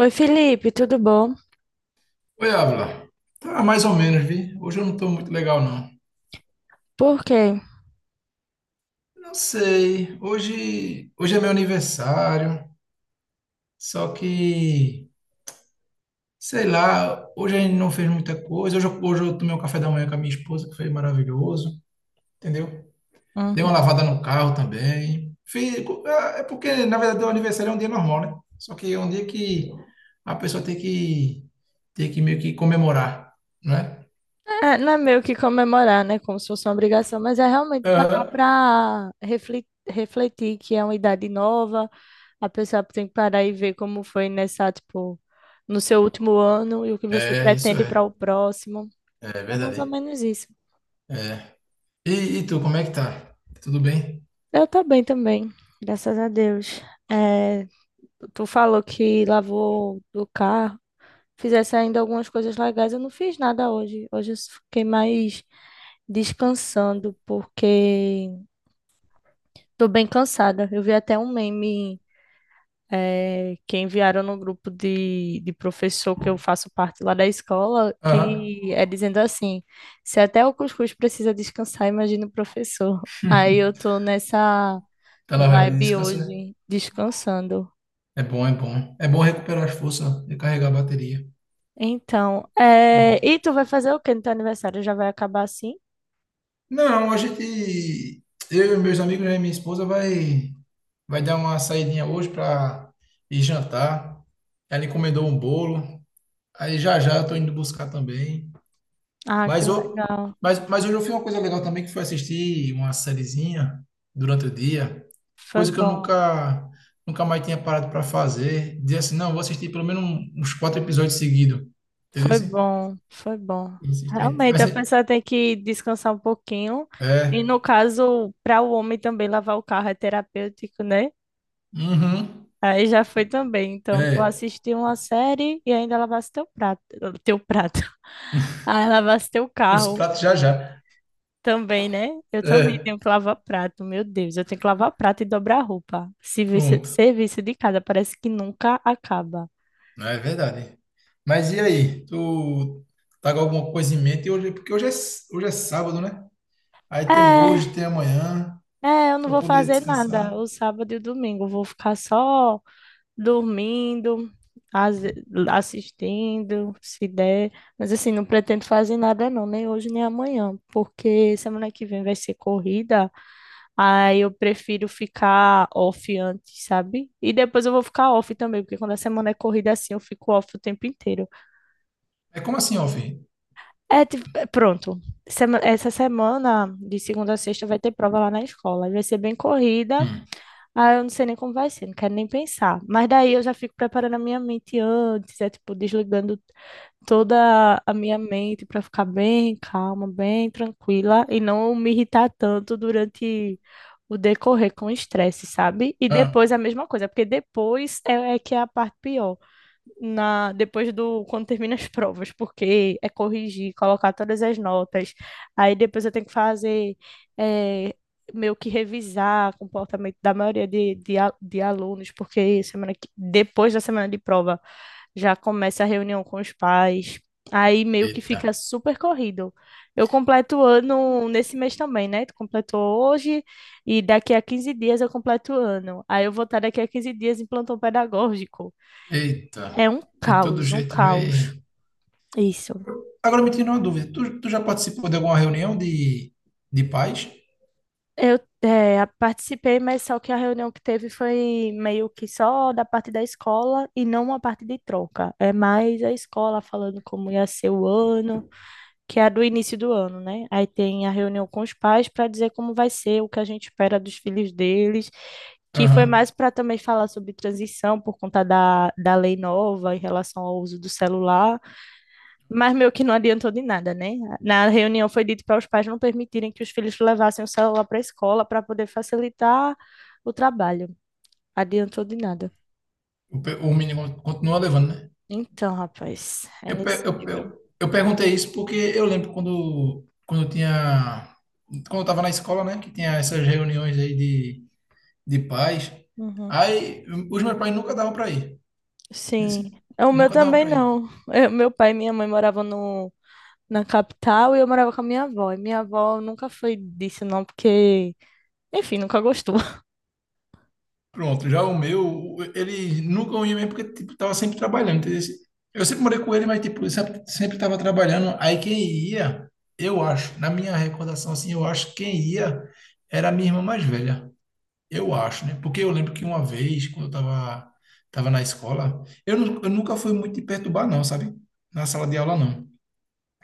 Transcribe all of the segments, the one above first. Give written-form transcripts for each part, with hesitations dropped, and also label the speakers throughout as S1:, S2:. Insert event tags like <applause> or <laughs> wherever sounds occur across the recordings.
S1: Oi, Felipe, tudo bom?
S2: Oi, Ávila. Tá mais ou menos, vi. Hoje eu não tô muito legal, não.
S1: Por quê?
S2: Não sei. Hoje é meu aniversário. Só que, sei lá, hoje a gente não fez muita coisa. Hoje, hoje eu tomei um café da manhã com a minha esposa, que foi maravilhoso, entendeu? Dei uma
S1: Uhum.
S2: lavada no carro também. Fiz, é porque, na verdade, o aniversário é um dia normal, né? Só que é um dia que a pessoa tem que meio que comemorar, né?
S1: É, não é meio que comemorar, né? Como se fosse uma obrigação, mas é realmente parar
S2: Aham.
S1: para refletir, refletir que é uma idade nova, a pessoa tem que parar e ver como foi nessa, tipo, no seu último ano e o que você
S2: É, isso
S1: pretende para
S2: é.
S1: o próximo.
S2: É
S1: É mais
S2: verdade.
S1: ou menos isso.
S2: É. E tu, como é que tá? Tudo bem?
S1: Eu tô bem também, graças a Deus. É, tu falou que lavou o carro, fizesse ainda algumas coisas legais. Eu não fiz nada hoje. Hoje eu fiquei mais descansando, porque tô bem cansada. Eu vi até um meme que enviaram no grupo de professor que eu faço parte lá da escola,
S2: Aham.
S1: que é dizendo assim: se até o cuscuz precisa descansar, imagina o professor. <laughs> Aí eu tô nessa
S2: Tá na vibe de
S1: vibe
S2: descansar?
S1: hoje, descansando.
S2: É bom, é bom. É bom recuperar as forças, recarregar a bateria.
S1: Então,
S2: Bom.
S1: e tu vai fazer o quê no teu aniversário? Já vai acabar assim?
S2: Não, a gente, eu e meus amigos né, e minha esposa vai dar uma saidinha hoje pra ir jantar. Ela encomendou um bolo. Aí já já eu tô indo buscar também.
S1: Ah, que
S2: Mas, o-
S1: legal.
S2: mas hoje eu fiz uma coisa legal também, que foi assistir uma sériezinha durante o dia,
S1: Foi
S2: coisa que eu
S1: bom.
S2: nunca mais tinha parado para fazer. Dizer assim, não, vou assistir pelo menos uns quatro episódios seguidos. Entendeu?
S1: Foi
S2: Assim?
S1: bom, foi bom. Realmente, a
S2: Assim,
S1: pessoa tem que descansar um pouquinho. E
S2: é.
S1: no caso, para o homem também lavar o carro é terapêutico, né?
S2: Uhum.
S1: Aí já foi também. Então, tu
S2: É.
S1: assistiu uma série e ainda lavasse teu prato, teu prato. <laughs> Aí lavasse teu
S2: Os
S1: carro
S2: pratos já já.
S1: também, né? Eu também
S2: É.
S1: tenho que lavar prato, meu Deus, eu tenho que lavar prato e dobrar roupa. Serviço,
S2: Pronto.
S1: serviço de casa, parece que nunca acaba.
S2: Não, é verdade. Mas e aí? Tu tá com alguma coisa em mente hoje? Porque hoje é, hoje é sábado, né? Aí tem hoje,
S1: É,
S2: tem amanhã,
S1: eu não
S2: para
S1: vou
S2: poder
S1: fazer nada.
S2: descansar.
S1: O sábado e o domingo eu vou ficar só dormindo, as- assistindo, se der. Mas assim, não pretendo fazer nada não, nem hoje nem amanhã, porque semana que vem vai ser corrida, aí eu prefiro ficar off antes, sabe? E depois eu vou ficar off também, porque quando a semana é corrida assim, eu fico off o tempo inteiro.
S2: É como assim, Alfim?
S1: É, tipo, é, pronto. Essa semana, de segunda a sexta, vai ter prova lá na escola. E Vai ser bem corrida.
S2: Hum.
S1: Ah, eu não sei nem como vai ser, não quero nem pensar. Mas daí eu já fico preparando a minha mente antes, é tipo, desligando toda a minha mente para ficar bem calma, bem tranquila e não me irritar tanto durante o decorrer com o estresse, sabe? E
S2: Ah,
S1: depois a mesma coisa, porque depois é que é a parte pior na depois do quando termina as provas, porque é corrigir, colocar todas as notas. Aí depois eu tenho que fazer é, meio que revisar o comportamento da maioria de alunos, porque depois da semana de prova já começa a reunião com os pais. Aí meio que
S2: eita,
S1: fica super corrido. Eu completo o ano nesse mês também, né? Tu completou hoje e daqui a 15 dias eu completo o ano. Aí eu vou estar daqui a 15 dias em plantão pedagógico.
S2: eita.
S1: É um
S2: De todo
S1: caos, um
S2: jeito vai.
S1: caos. Isso.
S2: Agora me tira uma dúvida. Tu já participou de alguma reunião de pais?
S1: Eu eh, a participei, mas só que a reunião que teve foi meio que só da parte da escola e não uma parte de troca. É mais a escola falando como ia ser o ano, que é a do início do ano, né? Aí tem a reunião com os pais para dizer como vai ser, o que a gente espera dos filhos deles, que foi
S2: Aham.
S1: mais para também falar sobre transição por conta da lei nova em relação ao uso do celular. Mas meio que não adiantou de nada, né? Na reunião foi dito para os pais não permitirem que os filhos levassem o celular para a escola para poder facilitar o trabalho. Adiantou de nada.
S2: O, o menino continua levando, né?
S1: Então, rapaz, é
S2: Eu,
S1: nesse nível.
S2: eu perguntei isso porque eu lembro quando, quando eu tinha. Quando eu tava na escola, né? Que tinha essas reuniões aí de pais.
S1: Uhum.
S2: Aí os meus pais nunca davam para ir.
S1: Sim.
S2: Esse-
S1: O meu
S2: nunca davam
S1: também
S2: para ir.
S1: não. Meu pai e minha mãe moravam no, na capital e eu morava com a minha avó. E minha avó nunca foi disso, não, porque, enfim, nunca gostou.
S2: Pronto, já o meu, ele nunca ia mesmo porque tipo, tava sempre trabalhando. Entendeu? Eu sempre morei com ele, mas tipo, ele sempre tava trabalhando. Aí quem ia, eu acho, na minha recordação assim, eu acho que quem ia era a minha irmã mais velha. Eu acho, né? Porque eu lembro que uma vez, quando eu tava na escola, eu, eu nunca fui muito de perturbar, não, sabe? Na sala de aula, não.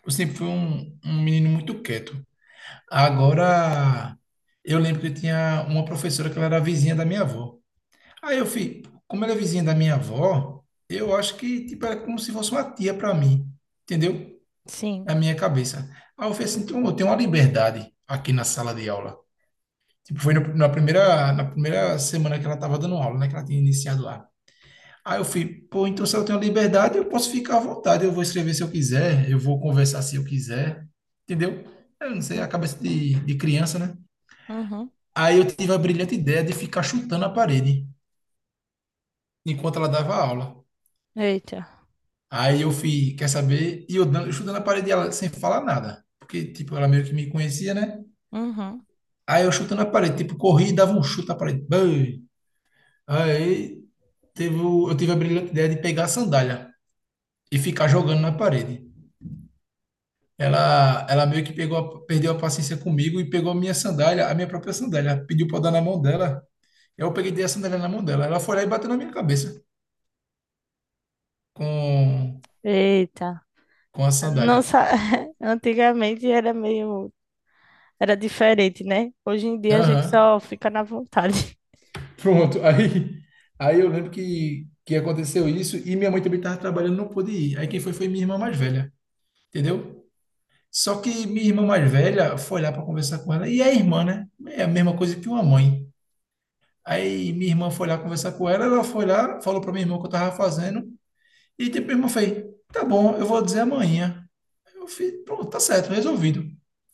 S2: Eu sempre fui um menino muito quieto. Agora, eu lembro que tinha uma professora que ela era vizinha da minha avó. Aí eu fui, como ela é vizinha da minha avó, eu acho que tipo, era como se fosse uma tia para mim, entendeu?
S1: Sim.
S2: Na minha cabeça. Aí eu falei assim, então eu tenho uma liberdade aqui na sala de aula. Tipo, foi na primeira semana que ela estava dando aula, né? Que ela tinha iniciado lá. Aí eu fui, pô, então se eu tenho liberdade, eu posso ficar à vontade, eu vou escrever se eu quiser, eu vou conversar se eu quiser, entendeu? Eu não sei, a
S1: Uhum.
S2: cabeça de criança, né?
S1: Uhum.
S2: Aí eu tive a brilhante ideia de ficar chutando a parede enquanto ela dava aula.
S1: Eita.
S2: Aí eu fui, quer saber? E eu dando, chutando a parede dela sem falar nada. Porque, tipo, ela meio que me conhecia, né?
S1: Uhum.
S2: Aí eu chutando a parede, tipo, corri e dava um chute na parede. Bam! Aí teve, eu tive a brilhante ideia de pegar a sandália e ficar jogando na parede. Ela meio que pegou, perdeu a paciência comigo e pegou a minha sandália, a minha própria sandália. Pediu pra eu dar na mão dela. Eu peguei e dei a sandália na mão dela. Ela foi lá e bateu na minha cabeça com,
S1: Eita.
S2: com a sandália.
S1: Nossa, <laughs> antigamente era meio, era diferente, né? Hoje em dia a gente
S2: Aham.
S1: só fica na vontade.
S2: Pronto. <laughs> Aí eu lembro que aconteceu isso e minha mãe também estava trabalhando, não pôde ir. Aí quem foi foi minha irmã mais velha, entendeu? Só que minha irmã mais velha foi lá para conversar com ela. E é irmã, né? É a mesma coisa que uma mãe. Aí minha irmã foi lá conversar com ela, ela foi lá, falou para minha irmã o que eu estava fazendo. E depois minha irmã fez, tá bom, eu vou dizer amanhã. Eu fiz, pronto, tá certo, resolvido.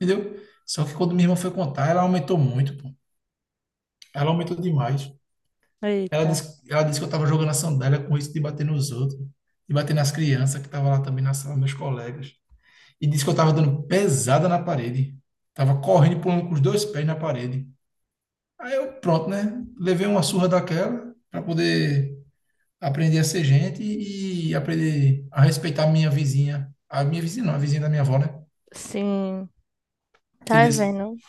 S2: Entendeu? Só que quando minha irmã foi contar, ela aumentou muito, pô. Ela aumentou demais.
S1: <laughs>
S2: Ela
S1: Eita.
S2: disse, ela disse que eu tava jogando a sandália com risco de bater nos outros, de bater nas crianças que estavam lá também na sala, meus colegas. E disse que eu tava dando pesada na parede. Tava correndo e pulando com os dois pés na parede. Aí eu, pronto, né? Levei uma surra daquela para poder aprender a ser gente e aprender a respeitar a minha vizinha. A minha vizinha não, a vizinha da minha avó, né?
S1: Sim. Tá
S2: Entendeu?
S1: vendo?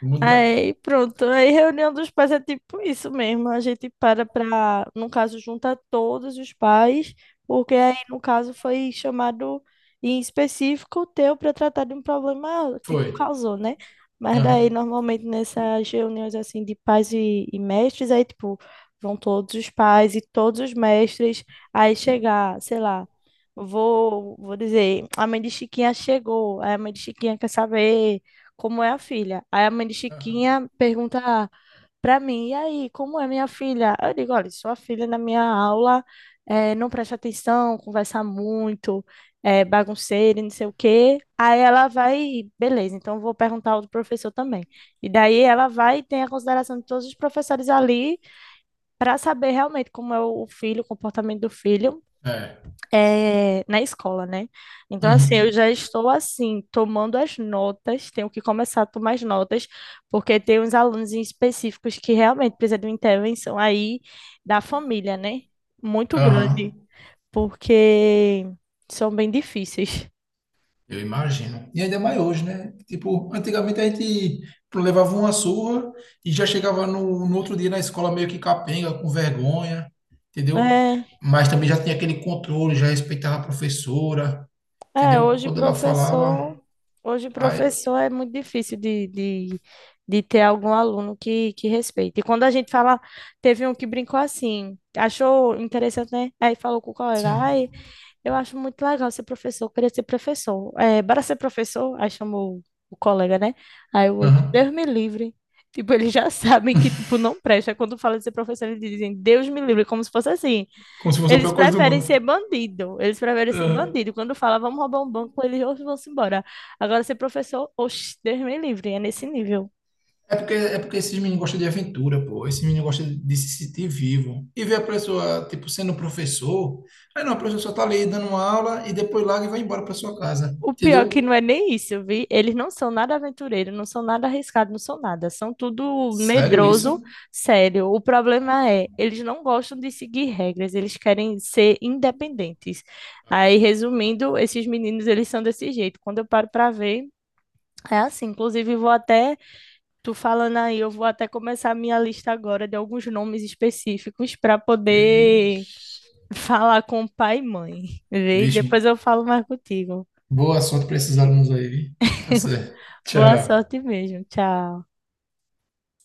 S2: Muda.
S1: Aí, pronto. Aí, reunião dos pais é tipo isso mesmo. A gente para pra, no caso, junta todos os pais, porque aí, no caso, foi chamado em específico o teu para tratar de um problema que tu
S2: Foi.
S1: causou, né? Mas daí,
S2: Aham.
S1: normalmente, nessas reuniões, assim, de pais e mestres, aí, tipo, vão todos os pais e todos os mestres. Aí, chegar, sei lá, vou dizer, a mãe de Chiquinha chegou, aí a mãe de Chiquinha quer saber como é a filha. Aí a mãe de
S2: Aham.
S1: Chiquinha pergunta para mim, e aí, como é minha filha? Eu digo, olha, sua filha na minha aula não presta atenção, conversa muito, é bagunceira, e não sei o quê. Aí ela vai, beleza, então eu vou perguntar ao outro professor também. E daí ela vai e tem a consideração de todos os professores ali para saber realmente como é o filho, o comportamento do filho
S2: É.
S1: na escola, né? Então, assim, eu
S2: Uhum.
S1: já estou, assim, tomando as notas, tenho que começar a tomar as notas, porque tem uns alunos em específicos que realmente precisam de uma intervenção aí da família, né? Muito grande,
S2: Aham.
S1: porque são bem difíceis.
S2: Eu imagino. E ainda mais hoje, né? Tipo, antigamente a gente levava uma surra e já chegava no outro dia na escola meio que capenga, com vergonha, entendeu?
S1: É.
S2: Mas também já tinha aquele controle, já respeitava a professora,
S1: É,
S2: entendeu?
S1: hoje
S2: Quando ela
S1: professor,
S2: falava,
S1: hoje
S2: aí,
S1: professor é muito difícil de ter algum aluno que respeite. E quando a gente fala, teve um que brincou assim, achou interessante, né? Aí falou com o colega,
S2: sim,
S1: ai, eu acho muito legal ser professor, eu queria ser professor. É, bora ser professor? Aí chamou o colega, né? Aí o outro,
S2: aham.
S1: Deus me livre. Tipo, eles já <laughs> sabem que, tipo, não presta. Quando fala de ser professor, eles dizem, Deus me livre, como se fosse assim.
S2: Como se fosse a
S1: Eles
S2: pior coisa do
S1: preferem
S2: mundo.
S1: ser bandido. Eles preferem ser
S2: Aham.
S1: bandido. Quando fala, vamos roubar um banco, eles "Oxe, vão-se embora. Agora, ser professor, oxe, Deus me livre, é nesse nível.
S2: É porque esses meninos gostam de aventura, pô. Esses meninos gostam de se sentir vivo. E ver a pessoa, tipo, sendo professor. Aí não, a pessoa só tá ali dando uma aula e depois larga e vai embora pra sua casa.
S1: O pior é que
S2: Entendeu?
S1: não é nem isso, vi? Eles não são nada aventureiros, não são nada arriscados, não são nada. São tudo
S2: Sério isso?
S1: medroso, sério. O problema é, eles não gostam de seguir regras, eles querem ser independentes. Aí, resumindo, esses meninos, eles são desse jeito. Quando eu paro para ver, é assim. Inclusive, vou até. Tu falando aí, eu vou até começar a minha lista agora de alguns nomes específicos para poder
S2: Vixe.
S1: falar com pai e mãe. Vê?
S2: Vixe.
S1: Depois eu falo mais contigo.
S2: Boa sorte pra esses alunos aí, viu? Tá certo.
S1: Boa
S2: Tchau.
S1: sorte mesmo. Tchau.